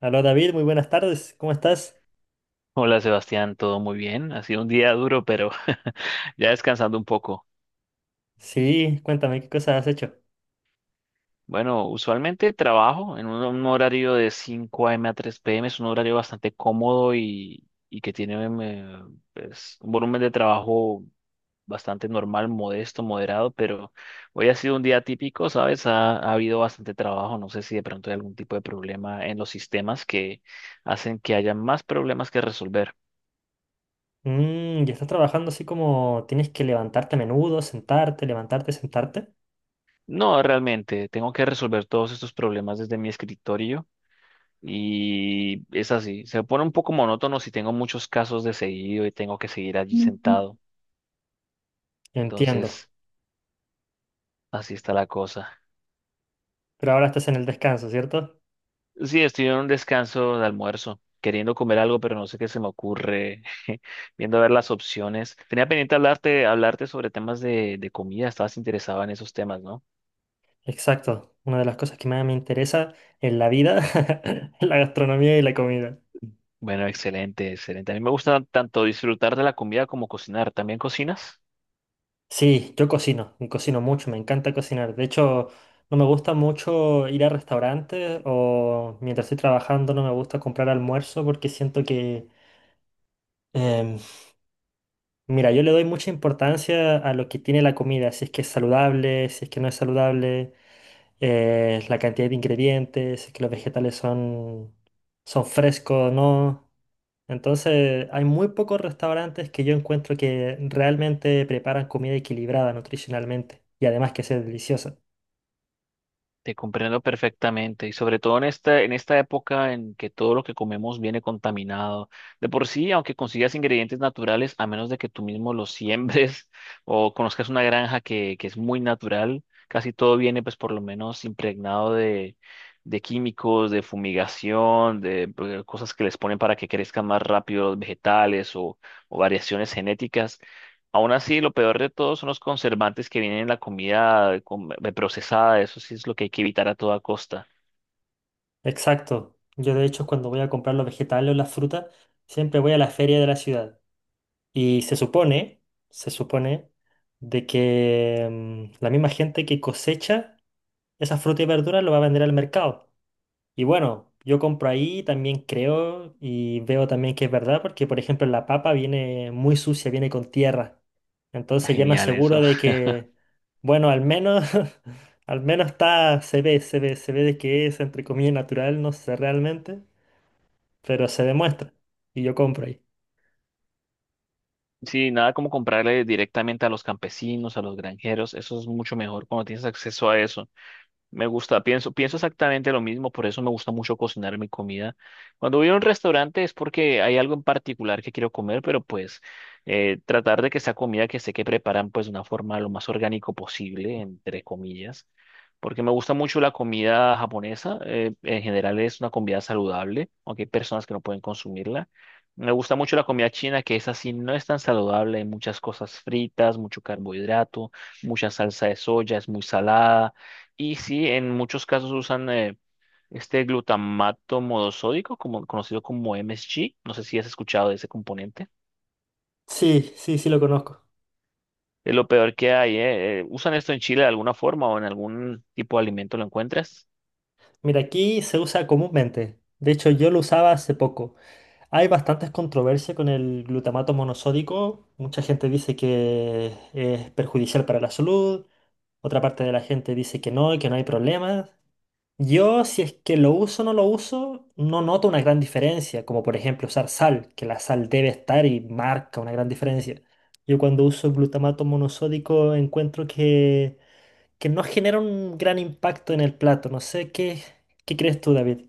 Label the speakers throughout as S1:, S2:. S1: Aló David, muy buenas tardes, ¿cómo estás?
S2: Hola Sebastián, todo muy bien. Ha sido un día duro, pero ya descansando un poco.
S1: Sí, cuéntame, ¿qué cosas has hecho?
S2: Bueno, usualmente trabajo en un horario de cinco a m a tres p m. Es un horario bastante cómodo y que tiene pues, un volumen de trabajo bastante normal, modesto, moderado, pero hoy ha sido un día típico, ¿sabes? Ha habido bastante trabajo. No sé si de pronto hay algún tipo de problema en los sistemas que hacen que haya más problemas que resolver.
S1: Mmm, ¿y estás trabajando así como tienes que levantarte a menudo, sentarte, levantarte, sentarte?
S2: No, realmente, tengo que resolver todos estos problemas desde mi escritorio y es así. Se pone un poco monótono si tengo muchos casos de seguido y tengo que seguir allí sentado.
S1: Entiendo,
S2: Entonces, así está la cosa.
S1: pero ahora estás en el descanso, ¿cierto?
S2: Sí, estoy en un descanso de almuerzo, queriendo comer algo, pero no sé qué se me ocurre, viendo a ver las opciones. Tenía pendiente hablarte, hablarte sobre temas de comida, estabas interesado en esos temas, ¿no?
S1: Exacto, una de las cosas que más me interesa en la vida es la gastronomía y la comida.
S2: Bueno, excelente, excelente. A mí me gusta tanto disfrutar de la comida como cocinar. ¿También cocinas?
S1: Sí, yo cocino, y cocino mucho, me encanta cocinar. De hecho, no me gusta mucho ir a restaurantes o mientras estoy trabajando no me gusta comprar almuerzo porque siento que... em, Mira, yo le doy mucha importancia a lo que tiene la comida, si es que es saludable, si es que no es saludable, la cantidad de ingredientes, si es que los vegetales son, son frescos o no. Entonces, hay muy pocos restaurantes que yo encuentro que realmente preparan comida equilibrada nutricionalmente y además que sea deliciosa.
S2: Te comprendo perfectamente y sobre todo en en esta época en que todo lo que comemos viene contaminado. De por sí, aunque consigas ingredientes naturales, a menos de que tú mismo los siembres o conozcas una granja que es muy natural, casi todo viene pues por lo menos impregnado de químicos, de fumigación, de, cosas que les ponen para que crezcan más rápido los vegetales o variaciones genéticas. Aún así, lo peor de todo son los conservantes que vienen en la comida procesada. Eso sí es lo que hay que evitar a toda costa.
S1: Exacto. Yo de hecho cuando voy a comprar los vegetales o las frutas, siempre voy a la feria de la ciudad. Y se supone de que la misma gente que cosecha esas frutas y verduras lo va a vender al mercado. Y bueno, yo compro ahí, también creo y veo también que es verdad, porque por ejemplo la papa viene muy sucia, viene con tierra. Entonces ya me
S2: Genial
S1: aseguro
S2: eso.
S1: de que, bueno, al menos, al menos está, se ve de que es entre comillas natural, no sé realmente, pero se demuestra. Y yo compro ahí.
S2: Sí, nada como comprarle directamente a los campesinos, a los granjeros. Eso es mucho mejor cuando tienes acceso a eso. Me gusta, pienso, pienso exactamente lo mismo, por eso me gusta mucho cocinar mi comida. Cuando voy a un restaurante es porque hay algo en particular que quiero comer, pero pues tratar de que esa comida que sé que preparan pues de una forma lo más orgánico posible, entre comillas, porque me gusta mucho la comida japonesa, en general es una comida saludable, aunque hay personas que no pueden consumirla. Me gusta mucho la comida china, que es así, no es tan saludable, hay muchas cosas fritas, mucho carbohidrato, mucha salsa de soya, es muy salada y sí, en muchos casos usan este glutamato monosódico, como, conocido como MSG. No sé si has escuchado de ese componente.
S1: Sí, sí, sí lo conozco.
S2: Es lo peor que hay, ¿eh? ¿Usan esto en Chile de alguna forma o en algún tipo de alimento lo encuentras?
S1: Mira, aquí se usa comúnmente. De hecho, yo lo usaba hace poco. Hay bastantes controversias con el glutamato monosódico. Mucha gente dice que es perjudicial para la salud. Otra parte de la gente dice que no, y que no hay problemas. Yo, si es que lo uso o no lo uso, no noto una gran diferencia. Como por ejemplo usar sal, que la sal debe estar y marca una gran diferencia. Yo cuando uso glutamato monosódico encuentro que no genera un gran impacto en el plato. No sé qué. ¿Qué crees tú, David?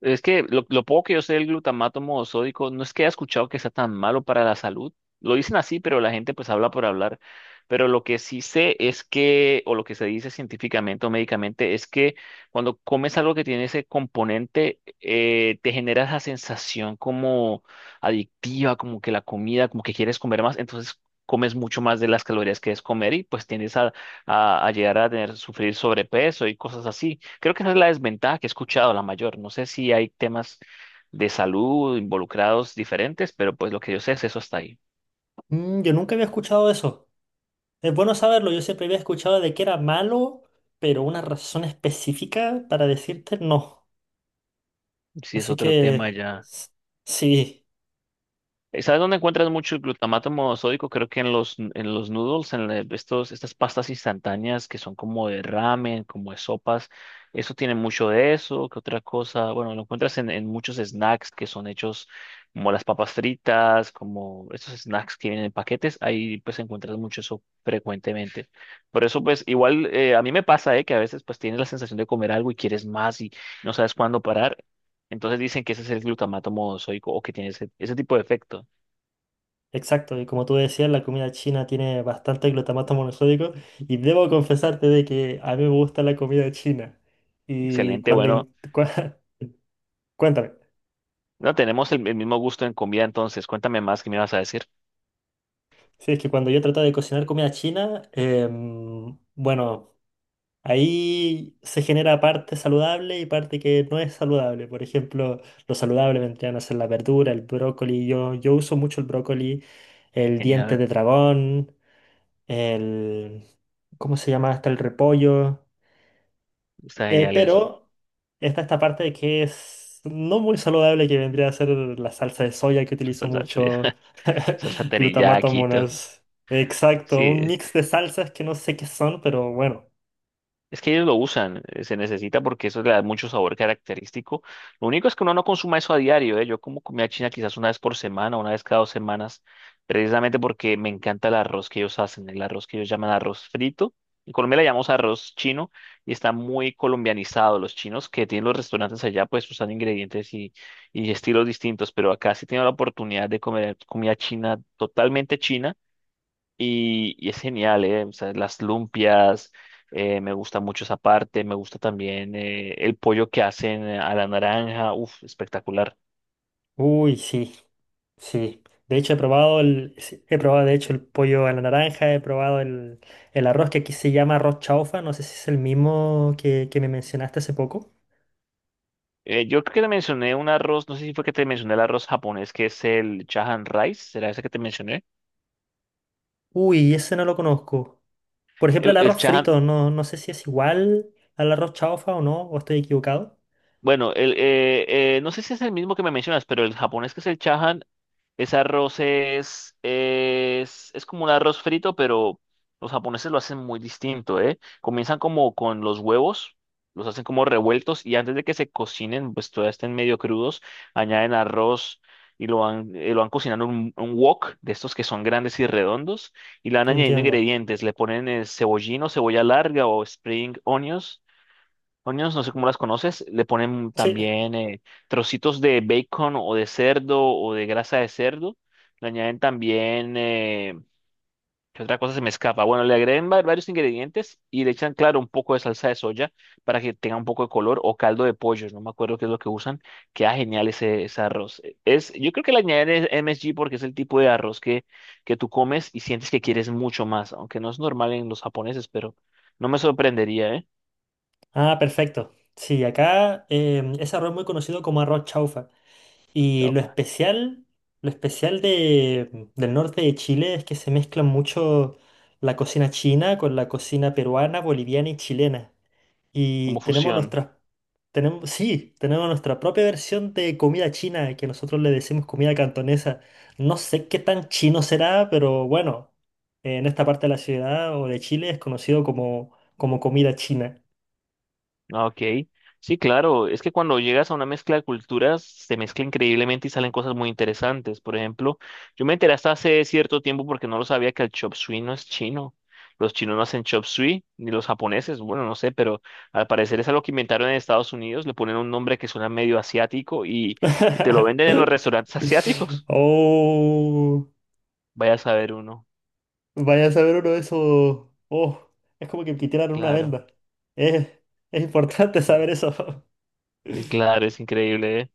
S2: Es que lo poco que yo sé del glutamato monosódico, no es que haya escuchado que sea tan malo para la salud. Lo dicen así, pero la gente pues habla por hablar. Pero lo que sí sé es que, o lo que se dice científicamente o médicamente, es que cuando comes algo que tiene ese componente, te genera esa sensación como adictiva, como que la comida, como que quieres comer más. Entonces comes mucho más de las calorías que es comer y pues tiendes a llegar a tener, sufrir sobrepeso y cosas así. Creo que esa es la desventaja que he escuchado, la mayor. No sé si hay temas de salud involucrados diferentes, pero pues lo que yo sé es eso está ahí.
S1: Mm, yo nunca había escuchado eso. Es bueno saberlo, yo siempre había escuchado de que era malo, pero una razón específica para decirte no.
S2: Si es
S1: Así
S2: otro
S1: que
S2: tema ya.
S1: s- sí,
S2: ¿Sabes dónde encuentras mucho el glutamato monosódico? Creo que en en los noodles, en estos, estas pastas instantáneas que son como de ramen, como de sopas. Eso tiene mucho de eso. ¿Qué otra cosa? Bueno, lo encuentras en muchos snacks que son hechos como las papas fritas, como estos snacks que vienen en paquetes. Ahí pues encuentras mucho eso frecuentemente. Por eso pues igual a mí me pasa que a veces pues tienes la sensación de comer algo y quieres más y no sabes cuándo parar. Entonces dicen que ese es el glutamato monosódico o que tiene ese, ese tipo de efecto.
S1: exacto. Y como tú decías, la comida china tiene bastante glutamato monosódico y debo confesarte de que a mí me gusta la comida china. Y
S2: Excelente,
S1: cuando...
S2: bueno,
S1: Cuéntame.
S2: no tenemos el mismo gusto en comida, entonces cuéntame más que me vas a decir.
S1: Sí, es que cuando yo trataba de cocinar comida china, bueno... Ahí se genera parte saludable y parte que no es saludable. Por ejemplo, lo saludable vendrían a ser la verdura, el brócoli. Yo uso mucho el brócoli, el diente
S2: Genial,
S1: de dragón, el... ¿Cómo se llama? Hasta el repollo.
S2: está genial eso,
S1: Pero está esta parte de que es no muy saludable que vendría a ser la salsa de soya que utilizo
S2: salsa, eso ya,
S1: mucho.
S2: salsa
S1: Glutamato
S2: teriyaki, todo.
S1: monas. Exacto, un
S2: Sí,
S1: mix de salsas que no sé qué son, pero bueno.
S2: es que ellos lo usan, se necesita porque eso le da mucho sabor característico. Lo único es que uno no consuma eso a diario, ¿eh? Yo como comida china quizás una vez por semana, una vez cada dos semanas, precisamente porque me encanta el arroz que ellos hacen, el arroz que ellos llaman arroz frito. En Colombia le llamamos arroz chino y está muy colombianizado. Los chinos que tienen los restaurantes allá pues usan ingredientes y estilos distintos, pero acá sí tengo la oportunidad de comer comida china totalmente china y es genial, ¿eh? O sea, las lumpias, me gusta mucho esa parte, me gusta también el pollo que hacen a la naranja, uff, espectacular.
S1: Uy, sí. Sí, de hecho he probado el, sí, he probado de hecho el pollo a la naranja, he probado el arroz que aquí se llama arroz chaufa, no sé si es el mismo que me mencionaste hace poco.
S2: Yo creo que te mencioné un arroz, no sé si fue que te mencioné el arroz japonés, que es el Chahan Rice, ¿será ese que te mencioné?
S1: Uy, ese no lo conozco. Por ejemplo, el
S2: El
S1: arroz
S2: Chahan,
S1: frito, no, no sé si es igual al arroz chaufa o no, o estoy equivocado.
S2: bueno, no sé si es el mismo que me mencionas, pero el japonés que es el Chahan. Ese arroz es como un arroz frito, pero los japoneses lo hacen muy distinto, ¿eh? Comienzan como con los huevos, los hacen como revueltos y antes de que se cocinen, pues todavía estén medio crudos, añaden arroz y lo van cocinando en un wok de estos que son grandes y redondos y le van añadiendo
S1: Entiendo.
S2: ingredientes, le ponen cebollino, cebolla larga o spring onions. Onions, no sé cómo las conoces, le ponen
S1: Sí.
S2: también trocitos de bacon o de cerdo o de grasa de cerdo. Le añaden también, ¿qué otra cosa se me escapa? Bueno, le agregan varios ingredientes y le echan, claro, un poco de salsa de soya para que tenga un poco de color o caldo de pollo, no me acuerdo qué es lo que usan. Queda genial ese, ese arroz. Yo creo que le añaden es MSG porque es el tipo de arroz que tú comes y sientes que quieres mucho más, aunque no es normal en los japoneses, pero no me sorprendería, ¿eh?
S1: Ah, perfecto. Sí, acá ese arroz es muy conocido como arroz chaufa. Y
S2: Chaufa,
S1: lo especial de, del norte de Chile es que se mezclan mucho la cocina china con la cocina peruana, boliviana y chilena. Y
S2: como
S1: tenemos
S2: fusión.
S1: nuestra, tenemos, sí, tenemos nuestra propia versión de comida china, que nosotros le decimos comida cantonesa. No sé qué tan chino será, pero bueno, en esta parte de la ciudad o de Chile es conocido como, como comida china.
S2: Ah, ok, sí, claro, es que cuando llegas a una mezcla de culturas se mezcla increíblemente y salen cosas muy interesantes. Por ejemplo, yo me enteré hasta hace cierto tiempo porque no lo sabía que el chop suey no es chino. Los chinos no hacen chop suey, ni los japoneses, bueno, no sé, pero al parecer es algo que inventaron en Estados Unidos, le ponen un nombre que suena medio asiático y te lo venden en los restaurantes asiáticos.
S1: Oh.
S2: Vaya a saber uno,
S1: Vaya a saber uno de esos. Oh, es como que me quitaran una
S2: claro,
S1: venda. Es, es importante
S2: sí,
S1: saber eso.
S2: Claro, es increíble, ¿eh?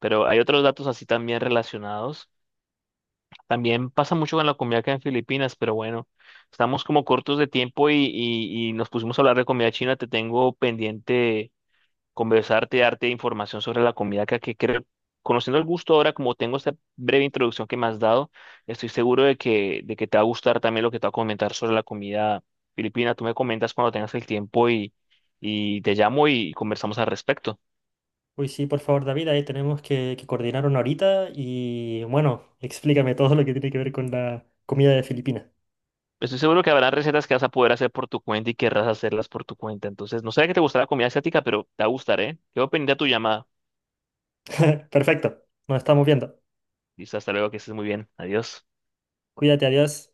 S2: Pero hay otros datos así también relacionados. También pasa mucho con la comida acá en Filipinas, pero bueno, estamos como cortos de tiempo y nos pusimos a hablar de comida china. Te tengo pendiente conversarte, darte información sobre la comida acá, que creo, conociendo el gusto ahora, como tengo esta breve introducción que me has dado, estoy seguro de que te va a gustar también lo que te va a comentar sobre la comida filipina. Tú me comentas cuando tengas el tiempo y te llamo y conversamos al respecto.
S1: Uy, sí, por favor, David, ahí tenemos que coordinar una horita y bueno, explícame todo lo que tiene que ver con la comida de Filipinas.
S2: Estoy seguro que habrá recetas que vas a poder hacer por tu cuenta y querrás hacerlas por tu cuenta. Entonces, no sé que te gustará la comida asiática, pero te va a gustar, ¿eh? Quedo pendiente a tu llamada.
S1: Perfecto, nos estamos viendo.
S2: Listo, hasta luego, que estés muy bien. Adiós.
S1: Cuídate, adiós.